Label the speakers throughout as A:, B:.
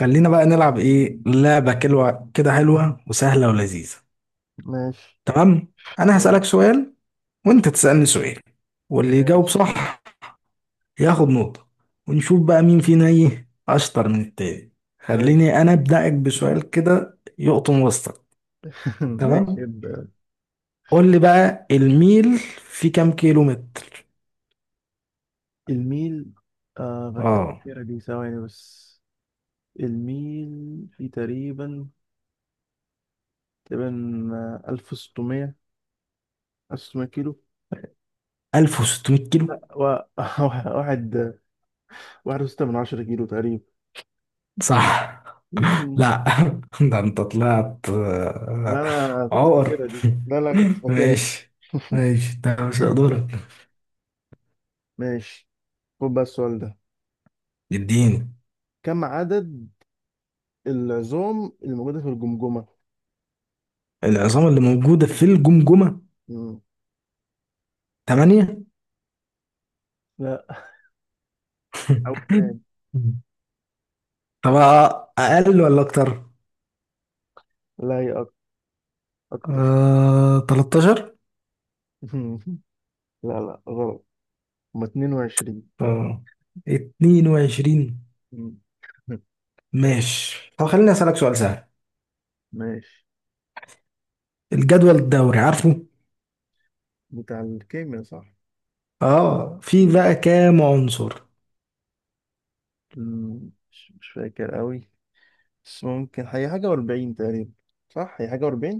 A: خلينا بقى نلعب ايه لعبة كلوة كده حلوة وسهلة ولذيذة.
B: ماشي
A: تمام، انا هسألك سؤال وانت تسألني سؤال واللي يجاوب
B: ماشي
A: صح ياخد نقطة، ونشوف بقى مين فينا ايه اشطر من التاني.
B: ماشي.
A: خليني انا ابدأك بسؤال كده يقطن وسطك.
B: ماشي،
A: تمام،
B: يبدأ.
A: قول لي بقى الميل في كام كيلو متر؟
B: الميل، آه، فاكر
A: اه،
B: الأخيرة دي، ثواني بس. الميل في تقريبا، تقريبا آه، ألف وستمية 1600 كيلو.
A: 1600 كيلو،
B: لا، واحد 1.6 كيلو تقريبا.
A: صح؟ لا. ده انت طلعت
B: لا، أنا كنت
A: عقر.
B: فاكرها دي، لا لا كنت فاكرها دي.
A: ماشي ماشي، ده مش هقدرك.
B: ماشي، خد بقى السؤال ده.
A: اديني.
B: كم عدد العظام الموجودة في الجمجمة؟
A: العظام اللي موجودة في الجمجمة؟
B: مم.
A: تمانية.
B: لا، أول تاني.
A: طب أقل ولا أكتر؟
B: لا هي أكتر.
A: آه، 13.
B: لا لا، غلط. هما 22.
A: اه، 22.
B: مم.
A: ماشي، طب خليني أسألك سؤال سهل.
B: ماشي.
A: الجدول الدوري عارفه؟
B: بتاع الكيمياء، صح؟
A: اه، في
B: مم.
A: بقى كام عنصر؟
B: مش فاكر قوي. بس ممكن هي حاجة و40 تقريبا. صح، هي حاجة و40.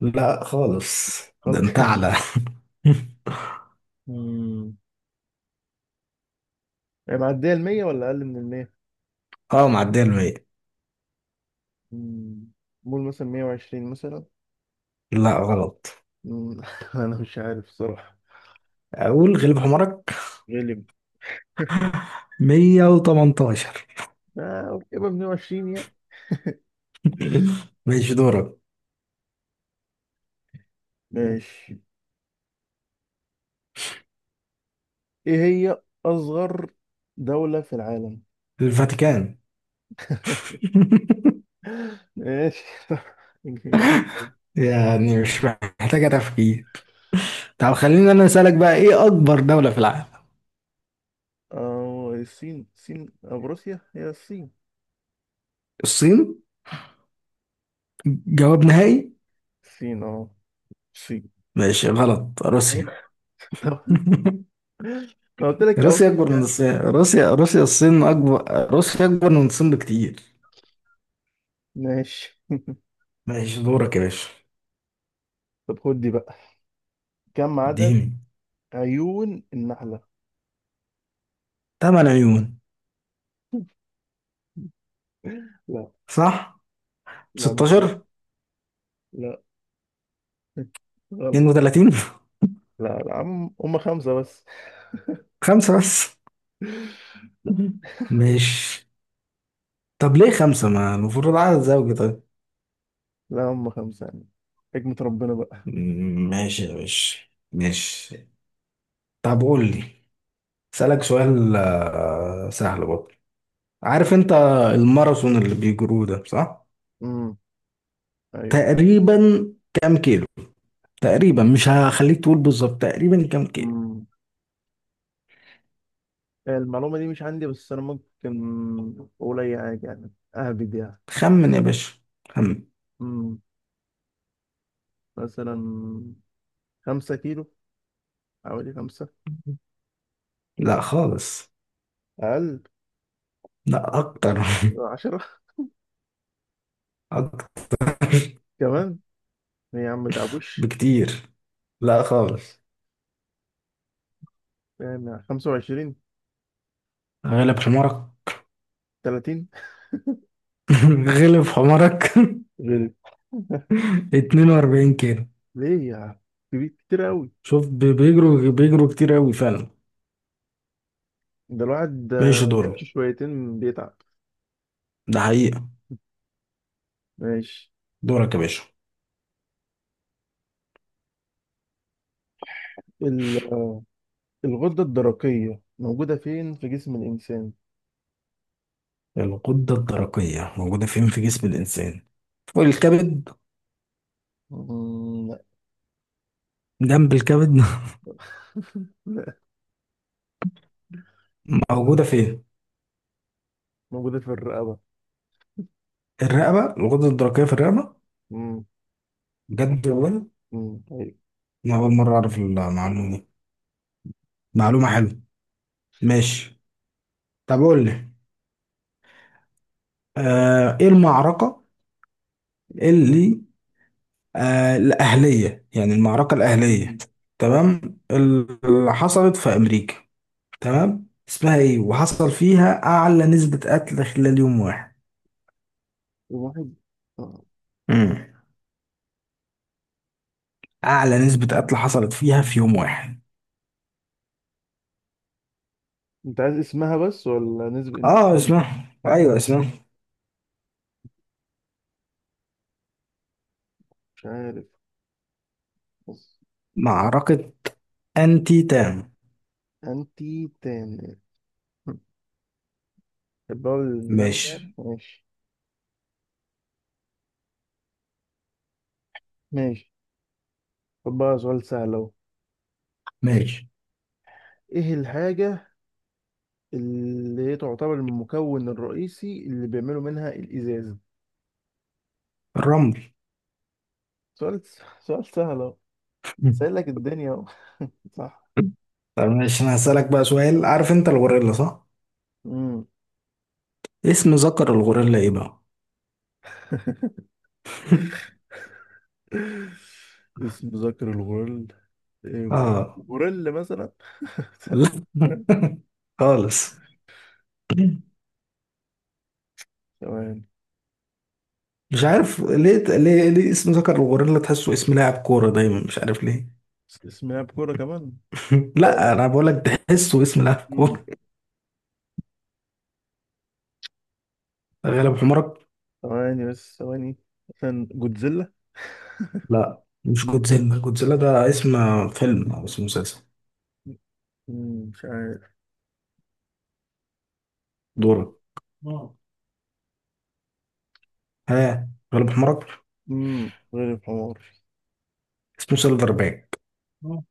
A: لا خالص، ده
B: خالص.
A: انت أعلى.
B: مم. هي معدية ال 100 ولا أقل من ال 100؟
A: اه معدية المية.
B: قول مثلا 120 مثلا.
A: لا غلط.
B: مم، أنا مش عارف صراحة.
A: أقول غلب حمارك.
B: غالب.
A: 118.
B: آه، أوكي، يبقى 120 يعني.
A: ماشي دورك.
B: ماشي. إيه هي أصغر دولة في العالم؟
A: الفاتيكان،
B: ماشي.
A: يعني مش محتاجة تفكير. طب خليني أنا أسألك بقى إيه أكبر دولة في العالم.
B: اه، الصين او روسيا. هي الصين.
A: الصين، جواب نهائي.
B: الصين، الصين.
A: ماشي غلط، روسيا.
B: طب. أنا قلت لك او
A: روسيا أكبر
B: روسيا
A: من
B: يعني.
A: الصين، روسيا الصين أكبر، روسيا أكبر من الصين بكتير.
B: ماشي،
A: ماشي دورك يا باشا.
B: طب خد دي بقى. كم عدد
A: اديني.
B: عيون النحلة؟
A: 8 عيون.
B: لا
A: صح.
B: لا، مش
A: 16.
B: صح. لا، غلط.
A: 32.
B: لا لا، هم خمسة بس.
A: خمسة بس. ماشي. طب ليه خمسة؟ ما المفروض عدد زوجي؟ طيب.
B: لا، هم خمسة يعني. حكمة ربنا بقى.
A: ماشي يا باشا. ماشي، طب قول لي، اسألك سؤال سهل برضه. عارف انت الماراثون اللي بيجروه ده صح؟
B: امم ايوه.
A: تقريبا كام كيلو؟ تقريبا مش هخليك تقول بالظبط، تقريبا كام كيلو؟
B: امم المعلومة دي مش عندي، بس انا ممكن اقول اي حاجة يعني. اهبد يعني.
A: خمن يا باشا، خمن.
B: امم مثلا، 5 كيلو. حوالي خمسة.
A: لا خالص.
B: أقل.
A: لا اكتر.
B: 10.
A: اكتر
B: كمان. ليه يا عم؟ متعبوش.
A: بكتير. لا خالص.
B: يعني 25.
A: غلب حمارك.
B: 30.
A: غلب حمارك.
B: غير.
A: 42 كيلو.
B: ليه يا، كبير كتير أوي.
A: شوف بيجروا بيجروا كتير قوي فعلا.
B: ده الواحد،
A: ماشي
B: بيمشي
A: دورك.
B: شويتين بيتعب.
A: ده حقيقة.
B: ماشي.
A: دورك يا باشا.
B: ال- آه، الغدة الدرقية موجودة فين في جسم الإنسان؟
A: الغدة الدرقية موجودة فين في جسم الإنسان؟ فوق الكبد.
B: مم، لا.
A: جنب الكبد.
B: لا.
A: موجودة فين؟
B: موجودة في الرقبة.
A: الرقبة، الغدة الدرقية في الرقبة؟
B: مم.
A: بجد والله.
B: مم، طيب.
A: أنا أول مرة أعرف المعلومة دي، معلومة حلوة. ماشي، طب قول لي، إيه المعركة اللي الأهلية، يعني المعركة الأهلية.
B: مم. اه.
A: تمام، اللي حصلت في أمريكا، تمام، اسمها ايه وحصل فيها اعلى نسبة قتل خلال يوم واحد؟
B: الواحد، آه.
A: امم اعلى نسبة قتل حصلت فيها في يوم واحد.
B: انت عايز اسمها بس، ولا
A: اه
B: النسبة؟
A: اسمها، ايوه اسمها.
B: مش عارف بس.
A: معركة انتي تام.
B: انتي تاني. البول النم
A: ماشي
B: ده، ماشي. ماشي، خد بقى سؤال سهل اهو.
A: ماشي.
B: ايه الحاجة اللي هي تعتبر المكون الرئيسي اللي بيعملوا منها الإزاز؟
A: الرمل.
B: سؤال سؤال سهل اهو.
A: مم.
B: سهل لك الدنيا اهو. صح.
A: طب ماشي، انا هسألك بقى سؤال. عارف انت الغوريلا صح؟
B: امم
A: اسم ذكر الغوريلا ايه بقى؟
B: اسم ذكر الغرل، إيه،
A: اه.
B: غوريلا مثلا.
A: لا. خالص.
B: ثواني.
A: مش عارف ليه، ليه اسم ذكر الغوريلا تحسه اسم لاعب كورة دايما، مش عارف ليه.
B: اسمها بكرة كمان. لا
A: لا
B: لا.
A: انا بقول لك تحسه اسم لاعب
B: امم
A: كوره. غالب حمرك.
B: ثواني بس، ثواني. مثلا جودزيلا.
A: لا مش جودزيلا، جودزيلا ده اسم فيلم او اسم مسلسل.
B: مش عارف.
A: دورك. اه. ها. غالب حمرك.
B: غير الحمار.
A: اسمه سيلفر باك. اه.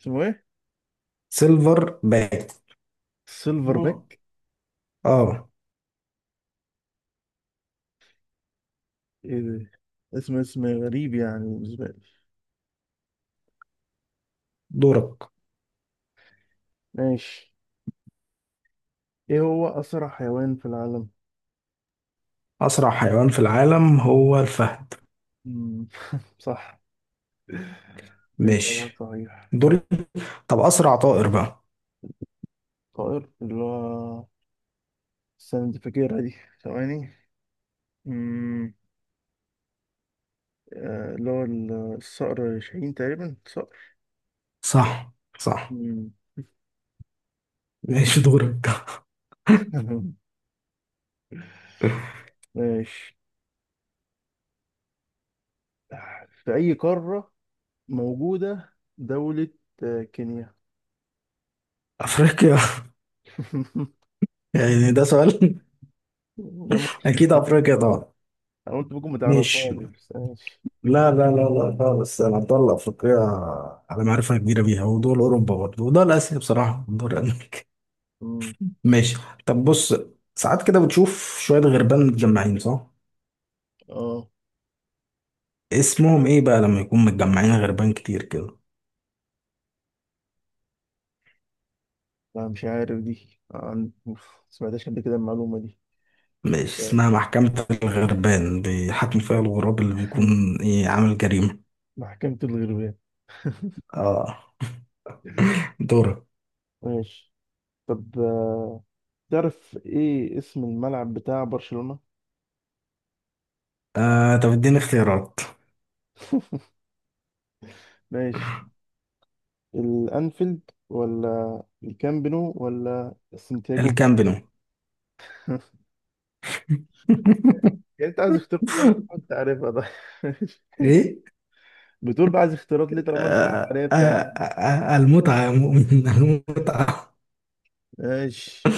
B: اسمه ايه؟
A: سيلفر باك.
B: سيلفر
A: اه.
B: باك.
A: اه.
B: ايه ده؟ اسم غريب يعني بالنسبة لي.
A: دورك.
B: ماشي. ايه هو أسرع حيوان في العالم؟
A: اسرع حيوان في العالم هو الفهد.
B: مم. صح. الإجابة
A: ماشي.
B: صحيح.
A: دوري. طب اسرع طائر بقى.
B: طائر اللي هو، استنى، دي فاكرها دي. ثواني. مم. اللي هو الصقر شاهين تقريبا، صقر.
A: صح. صح.
B: مم.
A: ماشي دورك.
B: ماشي. في أي قارة موجودة دولة كينيا؟
A: افريقيا. يعني ده سؤال؟
B: أنا ممكن.
A: اكيد افريقيا طبعا.
B: انا قلت ممكن ما تعرفهاش،
A: ماشي،
B: بس ماشي.
A: لا خالص، انا مطلع افريقيا على معرفه كبيره بيها، ودول اوروبا برضه، ودول اسيا، بصراحه ودول امريكا.
B: أمم،
A: ماشي. طب بص، ساعات كده بتشوف شويه غربان متجمعين صح؟
B: اه.
A: اسمهم ايه بقى لما يكون متجمعين غربان كتير كده؟
B: لا مش عارف دي. عن، أوف، ما سمعتهاش قبل كده المعلومة دي.
A: ماشي، اسمها
B: مرداش.
A: محكمه الغربان، بيحاكم فيها الغراب اللي بيكون ايه عامل جريمه.
B: محكمة الغربان.
A: اه. دورة.
B: ماشي. طب تعرف ايه اسم الملعب بتاع برشلونة؟
A: آه طب اديني اختيارات.
B: ماشي. الانفيلد ولا الكامب نو ولا السنتياجو؟
A: الكامب نو.
B: يعني انت عايز اختيارات تانية؟ طبعا انت عارفها ده.
A: ايه.
B: بتقول بقى عايز اختيارات ليه طالما انت عارفها يعني.
A: المتعه يا مؤمن المتعه.
B: ماشي.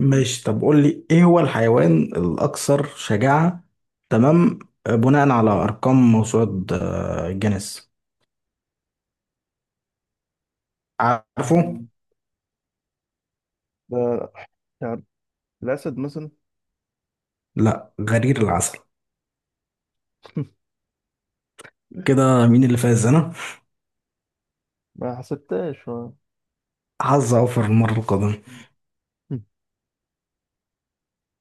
A: ماشي، طب قول لي ايه هو الحيوان الاكثر شجاعة، تمام، بناء على ارقام موسوعة جينيس، عارفه؟
B: ده الاسد مثلا.
A: لا، غرير العسل. كده مين اللي فاز؟ انا.
B: ما حسبتهاش، آه.
A: حظ اوفر المرة القادمة.